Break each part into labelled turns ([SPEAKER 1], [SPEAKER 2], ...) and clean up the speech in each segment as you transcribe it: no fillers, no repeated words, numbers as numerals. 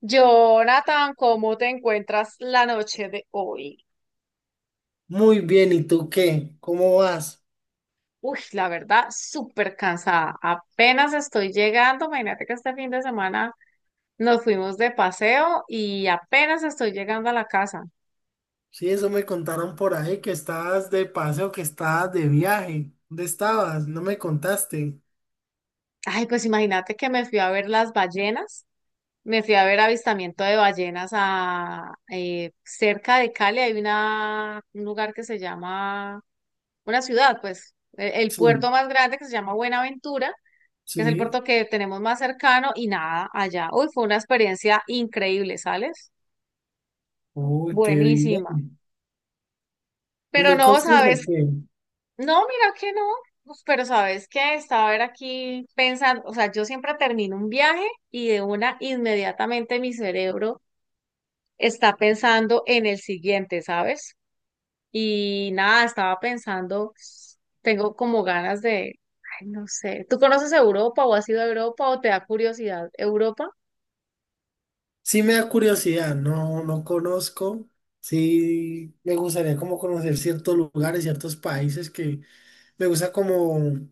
[SPEAKER 1] Jonathan, ¿cómo te encuentras la noche de hoy?
[SPEAKER 2] Muy bien, ¿y tú qué? ¿Cómo vas?
[SPEAKER 1] Uy, la verdad, súper cansada. Apenas estoy llegando. Imagínate que este fin de semana nos fuimos de paseo y apenas estoy llegando a la casa.
[SPEAKER 2] Sí, eso me contaron por ahí, que estabas de paseo, que estabas de viaje. ¿Dónde estabas? No me contaste.
[SPEAKER 1] Ay, pues imagínate que me fui a ver las ballenas. Me fui a ver avistamiento de ballenas a cerca de Cali. Hay una, un lugar que se llama, una ciudad, pues, el puerto
[SPEAKER 2] Sí,
[SPEAKER 1] más grande que se llama Buenaventura, que es el
[SPEAKER 2] sí.
[SPEAKER 1] puerto que tenemos más cercano y nada, allá. Uy, fue una experiencia increíble, ¿sales?
[SPEAKER 2] Uy, qué
[SPEAKER 1] Buenísima.
[SPEAKER 2] bien. ¿Y
[SPEAKER 1] Pero
[SPEAKER 2] me
[SPEAKER 1] no,
[SPEAKER 2] costas o
[SPEAKER 1] ¿sabes?
[SPEAKER 2] qué?
[SPEAKER 1] No, mira que no. Uf, pero sabes que estaba a ver aquí pensando, o sea, yo siempre termino un viaje y de una inmediatamente mi cerebro está pensando en el siguiente, ¿sabes? Y nada, estaba pensando, tengo como ganas de, ay, no sé, ¿tú conoces Europa o has ido a Europa o te da curiosidad Europa?
[SPEAKER 2] Sí me da curiosidad, no, no conozco. Sí, me gustaría como conocer ciertos lugares, ciertos países que me gusta como,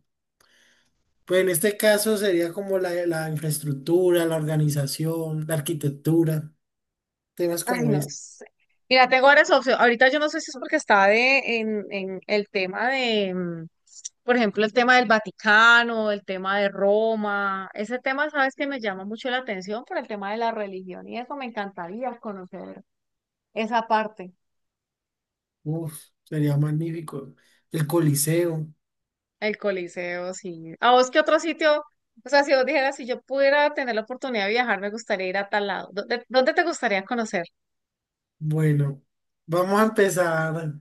[SPEAKER 2] pues en este caso sería como la- la infraestructura, la organización, la arquitectura, temas
[SPEAKER 1] Ay,
[SPEAKER 2] como
[SPEAKER 1] no
[SPEAKER 2] este.
[SPEAKER 1] sé. Mira, tengo varias opciones. Ahorita yo no sé si es porque estaba de, en el tema de, por ejemplo, el tema del Vaticano, el tema de Roma. Ese tema, sabes que me llama mucho la atención por el tema de la religión y eso me encantaría conocer esa parte.
[SPEAKER 2] Uf, sería magnífico. El Coliseo.
[SPEAKER 1] El Coliseo, sí. ¿A vos qué otro sitio? O sea, si vos dijeras, si yo pudiera tener la oportunidad de viajar, me gustaría ir a tal lado. ¿Dónde, dónde te gustaría conocer?
[SPEAKER 2] Bueno, vamos a empezar.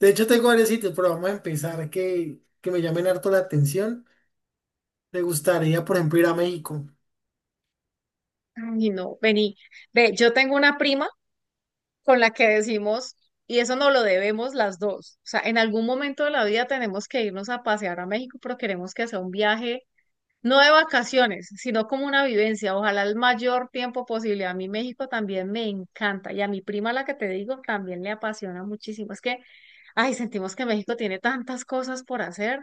[SPEAKER 2] De hecho, tengo varios sitios, pero vamos a empezar que me llamen harto la atención. Me gustaría, por ejemplo, ir a México.
[SPEAKER 1] Ay, no, vení. Ve, yo tengo una prima. Con la que decimos, y eso no lo debemos las dos. O sea, en algún momento de la vida tenemos que irnos a pasear a México, pero queremos que sea un viaje, no de vacaciones, sino como una vivencia. Ojalá el mayor tiempo posible. A mí México también me encanta y a mi prima, la que te digo, también le apasiona muchísimo. Es que, ay, sentimos que México tiene tantas cosas por hacer.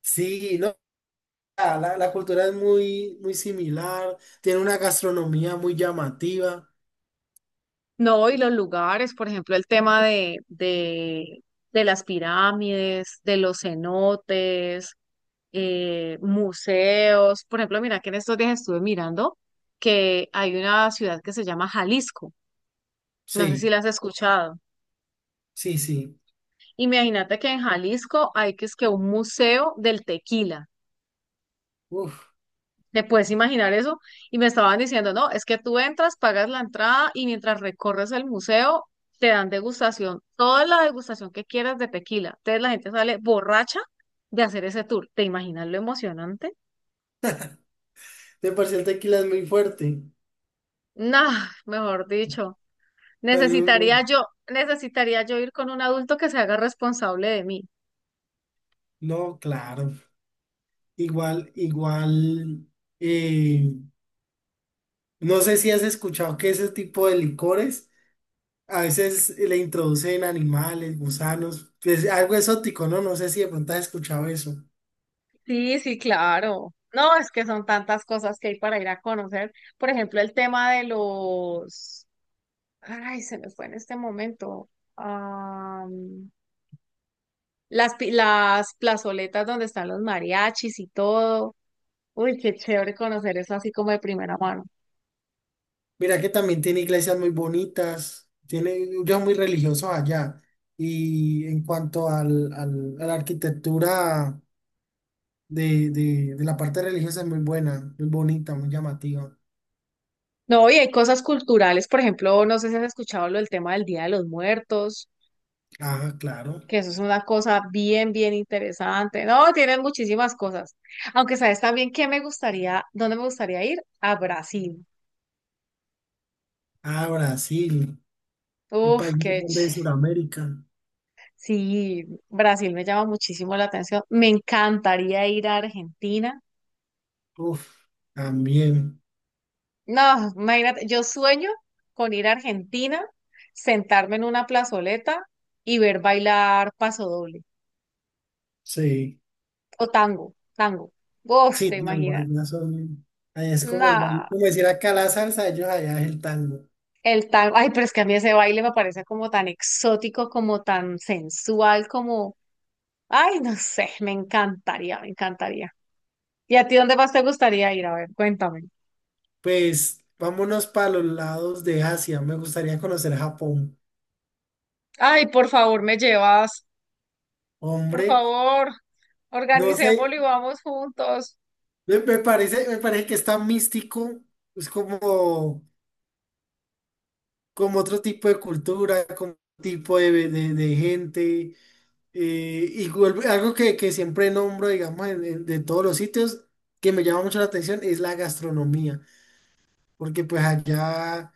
[SPEAKER 2] Sí, no, la cultura es muy similar. Tiene una gastronomía muy llamativa.
[SPEAKER 1] No, y los lugares, por ejemplo, el tema de las pirámides, de los cenotes, museos. Por ejemplo, mira que en estos días estuve mirando que hay una ciudad que se llama Jalisco. No sé si
[SPEAKER 2] Sí,
[SPEAKER 1] la has escuchado.
[SPEAKER 2] sí, sí.
[SPEAKER 1] Imagínate que en Jalisco hay que es que un museo del tequila.
[SPEAKER 2] Uf,
[SPEAKER 1] ¿Te puedes imaginar eso? Y me estaban diciendo, no, es que tú entras, pagas la entrada y mientras recorres el museo te dan degustación, toda la degustación que quieras de tequila. Entonces la gente sale borracha de hacer ese tour. ¿Te imaginas lo emocionante?
[SPEAKER 2] de por sí el tequila es muy fuerte.
[SPEAKER 1] Nah, mejor dicho.
[SPEAKER 2] Sale uno-
[SPEAKER 1] Necesitaría yo, necesitaría yo ir con un adulto que se haga responsable de mí.
[SPEAKER 2] No, claro. Igual, igual. eh, No sé si has escuchado que ese tipo de licores a veces le introducen animales, gusanos, pues algo exótico, ¿no? No sé si de pronto has escuchado eso.
[SPEAKER 1] Sí, sí, claro. No, es que son tantas cosas que hay para ir a conocer. Por ejemplo, el tema de los… Ay, se me fue en este momento. Am, las, las plazoletas donde están los mariachis y todo. Uy, qué chévere conocer eso así como de primera mano.
[SPEAKER 2] Mira que también tiene iglesias muy bonitas, tiene, yo muy religioso allá. Y en cuanto a la arquitectura de la parte religiosa es muy buena, muy bonita, muy llamativa.
[SPEAKER 1] No, y hay cosas culturales. Por ejemplo, no sé si has escuchado lo del tema del Día de los Muertos.
[SPEAKER 2] Ah, claro.
[SPEAKER 1] Que eso es una cosa bien, bien interesante. No, tienen muchísimas cosas. Aunque sabes también que me gustaría, dónde me gustaría ir, a Brasil.
[SPEAKER 2] Ah, Brasil, el
[SPEAKER 1] Uf,
[SPEAKER 2] país más
[SPEAKER 1] qué ch…
[SPEAKER 2] grande de Sudamérica.
[SPEAKER 1] Sí, Brasil me llama muchísimo la atención. Me encantaría ir a Argentina.
[SPEAKER 2] Uf, también,
[SPEAKER 1] No, imagínate, yo sueño con ir a Argentina, sentarme en una plazoleta y ver bailar pasodoble
[SPEAKER 2] sí.
[SPEAKER 1] o tango, tango. Uf,
[SPEAKER 2] Sí,
[SPEAKER 1] te
[SPEAKER 2] el
[SPEAKER 1] imaginas.
[SPEAKER 2] vallenato son- allá es como el
[SPEAKER 1] No.
[SPEAKER 2] baile, como decir acá la salsa, ellos allá es el tango.
[SPEAKER 1] El tango, ay, pero es que a mí ese baile me parece como tan exótico, como tan sensual, como, ay, no sé, me encantaría, me encantaría. ¿Y a ti dónde más te gustaría ir? A ver, cuéntame.
[SPEAKER 2] Pues vámonos para los lados de Asia, me gustaría conocer Japón.
[SPEAKER 1] Ay, por favor, me llevas, por
[SPEAKER 2] Hombre,
[SPEAKER 1] favor,
[SPEAKER 2] no
[SPEAKER 1] organicémoslo
[SPEAKER 2] sé,
[SPEAKER 1] y vamos juntos.
[SPEAKER 2] me parece, me parece que está místico, es como, como otro tipo de cultura, como otro tipo de gente. Y vuelve- algo que siempre nombro, digamos, de todos los sitios, que me llama mucho la atención, es la gastronomía. Porque pues allá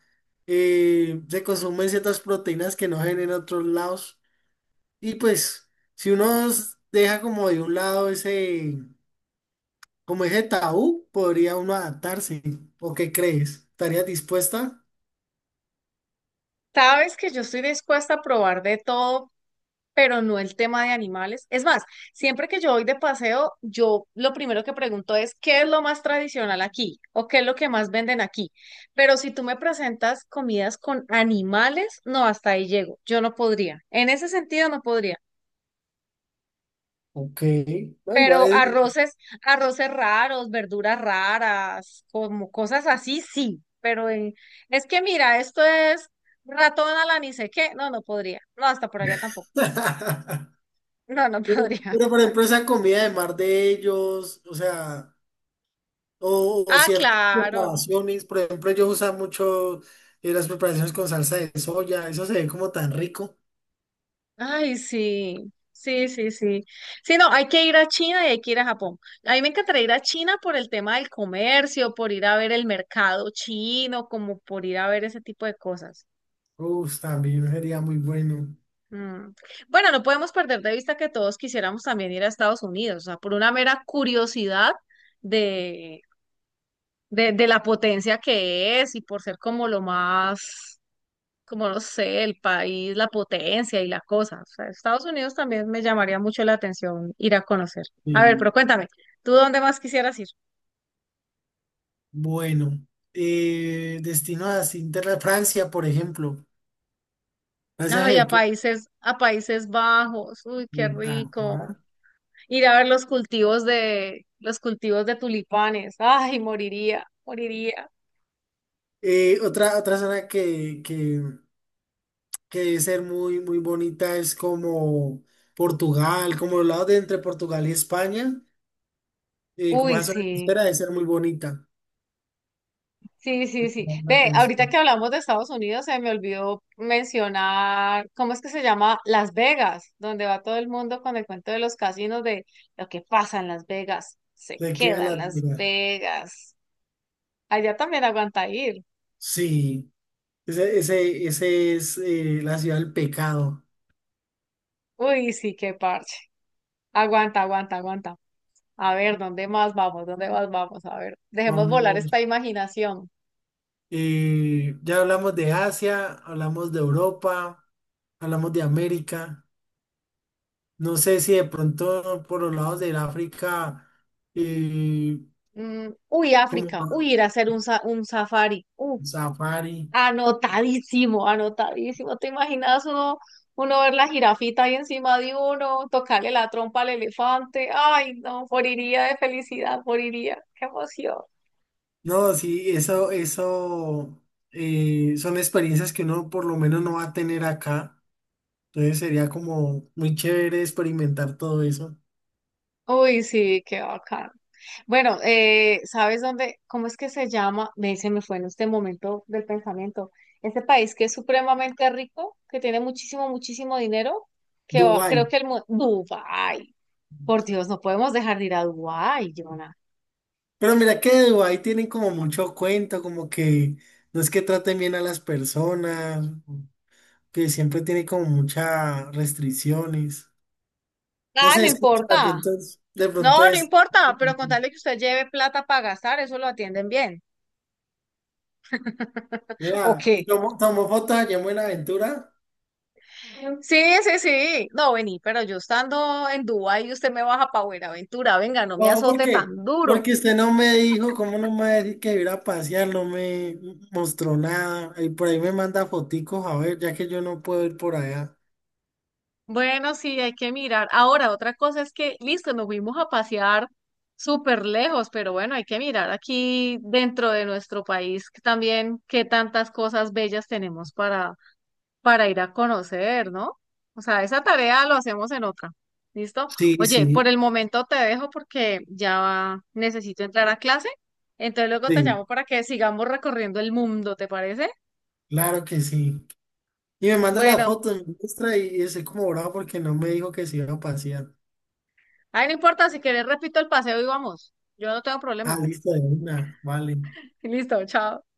[SPEAKER 2] se consumen ciertas proteínas que no hay en otros lados. Y pues, si uno s- deja como de un lado ese, como ese tabú, podría uno adaptarse. ¿O qué crees? ¿Estarías dispuesta?
[SPEAKER 1] Sabes que yo estoy dispuesta a probar de todo, pero no el tema de animales. Es más, siempre que yo voy de paseo, yo lo primero que pregunto es, ¿qué es lo más tradicional aquí? ¿O qué es lo que más venden aquí? Pero si tú me presentas comidas con animales, no, hasta ahí llego. Yo no podría. En ese sentido, no podría.
[SPEAKER 2] Ok, no, igual
[SPEAKER 1] Pero
[SPEAKER 2] es...
[SPEAKER 1] arroces, arroces raros, verduras raras, como cosas así, sí. Pero es que mira, esto es ratón a la ni sé qué. No, no podría. No, hasta por allá tampoco. No, no
[SPEAKER 2] Pero,
[SPEAKER 1] podría.
[SPEAKER 2] pero, por ejemplo, esa comida de mar de ellos, o sea, o
[SPEAKER 1] Ah,
[SPEAKER 2] ciertas
[SPEAKER 1] claro.
[SPEAKER 2] preparaciones, por ejemplo, ellos usan mucho las preparaciones con salsa de soya, eso se ve como tan rico.
[SPEAKER 1] Ay, sí, sí, sí, sí. Sí, no, hay que ir a China y hay que ir a Japón. A mí me encantaría ir a China por el tema del comercio, por ir a ver el mercado chino, como por ir a ver ese tipo de cosas.
[SPEAKER 2] Uf, también sería muy bueno.
[SPEAKER 1] Mm. Bueno, no podemos perder de vista que todos quisiéramos también ir a Estados Unidos, o sea, por una mera curiosidad de, de la potencia que es y por ser como lo más, como no sé, el país, la potencia y la cosa. O sea, Estados Unidos también me llamaría mucho la atención ir a conocer. A ver, pero
[SPEAKER 2] Sí.
[SPEAKER 1] cuéntame, ¿tú dónde más quisieras ir?
[SPEAKER 2] Bueno, destino a Inglaterra, Francia, por ejemplo. Francia,
[SPEAKER 1] Ay,
[SPEAKER 2] ¿qué? Qué-
[SPEAKER 1] a Países Bajos, uy, qué
[SPEAKER 2] Bueno,
[SPEAKER 1] rico.
[SPEAKER 2] ajá.
[SPEAKER 1] Ir a ver los cultivos de tulipanes. Ay, moriría, moriría.
[SPEAKER 2] Otra zona que debe ser muy bonita es como Portugal, como los lados de entre Portugal y España, como
[SPEAKER 1] Uy,
[SPEAKER 2] esa zona
[SPEAKER 1] sí.
[SPEAKER 2] costera debe ser muy bonita.
[SPEAKER 1] Sí, sí, sí.
[SPEAKER 2] Llama la
[SPEAKER 1] Ve, ahorita
[SPEAKER 2] atención.
[SPEAKER 1] que hablamos de Estados Unidos, se me olvidó mencionar, ¿cómo es que se llama? Las Vegas, donde va todo el mundo con el cuento de los casinos, de lo que pasa en Las Vegas, se
[SPEAKER 2] Se queda
[SPEAKER 1] queda en
[SPEAKER 2] la
[SPEAKER 1] Las
[SPEAKER 2] duda.
[SPEAKER 1] Vegas. Allá también aguanta ir.
[SPEAKER 2] Sí, ese es la ciudad del pecado.
[SPEAKER 1] Uy, sí, qué parche. Aguanta, aguanta, aguanta. A ver, ¿dónde más vamos? ¿Dónde más vamos? A ver, dejemos volar
[SPEAKER 2] Vamos.
[SPEAKER 1] esta imaginación.
[SPEAKER 2] Y ya hablamos de Asia, hablamos de Europa, hablamos de América. No sé si de pronto por los lados del África, eh,
[SPEAKER 1] Mm, uy,
[SPEAKER 2] como
[SPEAKER 1] África. Uy, ir a hacer un, un safari. Uf.
[SPEAKER 2] safari.
[SPEAKER 1] Anotadísimo, anotadísimo. ¿Te imaginas uno, uno ver la jirafita ahí encima de uno, tocarle la trompa al elefante? Ay, no, moriría de felicidad, moriría. Qué emoción.
[SPEAKER 2] No, sí, eso son experiencias que uno por lo menos no va a tener acá. Entonces sería como muy chévere experimentar todo eso.
[SPEAKER 1] Uy, sí, qué bacán. Bueno, ¿sabes dónde? ¿Cómo es que se llama? Me se me fue en este momento del pensamiento. Este país que es supremamente rico, que tiene muchísimo, muchísimo dinero, que
[SPEAKER 2] Dubái.
[SPEAKER 1] creo que el mundo… Dubái. Por Dios, no podemos dejar de ir a Dubái, Jonah.
[SPEAKER 2] Pero mira que de Dubái tienen como mucho cuento, como que no es que traten bien a las personas, que siempre tiene como muchas restricciones. No
[SPEAKER 1] Ah,
[SPEAKER 2] sé,
[SPEAKER 1] no
[SPEAKER 2] escucha,
[SPEAKER 1] importa.
[SPEAKER 2] de pronto
[SPEAKER 1] No, no
[SPEAKER 2] es,
[SPEAKER 1] importa, pero con tal de que usted lleve plata para gastar, eso lo atienden bien. ¿O
[SPEAKER 2] vea, y
[SPEAKER 1] qué?
[SPEAKER 2] tomó, tomó fotos allá en Buenaventura.
[SPEAKER 1] Sí, sí, sí. No, vení, pero yo estando en Dubái, usted me baja para Buenaventura. Venga, no me
[SPEAKER 2] No, ¿por
[SPEAKER 1] azote
[SPEAKER 2] qué?
[SPEAKER 1] tan duro.
[SPEAKER 2] Porque usted no me dijo, ¿cómo no me va a decir que iba a pasear? No me mostró nada. Y por ahí me manda foticos, a ver, ya que yo no puedo ir por allá.
[SPEAKER 1] Bueno, sí, hay que mirar. Ahora, otra cosa es que, listo, nos fuimos a pasear súper lejos, pero bueno, hay que mirar aquí dentro de nuestro país que también qué tantas cosas bellas tenemos para ir a conocer, ¿no? O sea, esa tarea lo hacemos en otra. ¿Listo?
[SPEAKER 2] Sí,
[SPEAKER 1] Oye, por
[SPEAKER 2] sí,
[SPEAKER 1] el momento te dejo porque ya necesito entrar a clase. Entonces luego te
[SPEAKER 2] sí,
[SPEAKER 1] llamo para que sigamos recorriendo el mundo, ¿te parece?
[SPEAKER 2] claro que sí. Y me manda las
[SPEAKER 1] Bueno,
[SPEAKER 2] fotos, me muestra y estoy como bravo porque no me dijo que se iba a pasear.
[SPEAKER 1] ay, no importa, si quieres repito el paseo y vamos. Yo no tengo
[SPEAKER 2] Ah,
[SPEAKER 1] problema.
[SPEAKER 2] listo, de una, vale.
[SPEAKER 1] Listo, chao.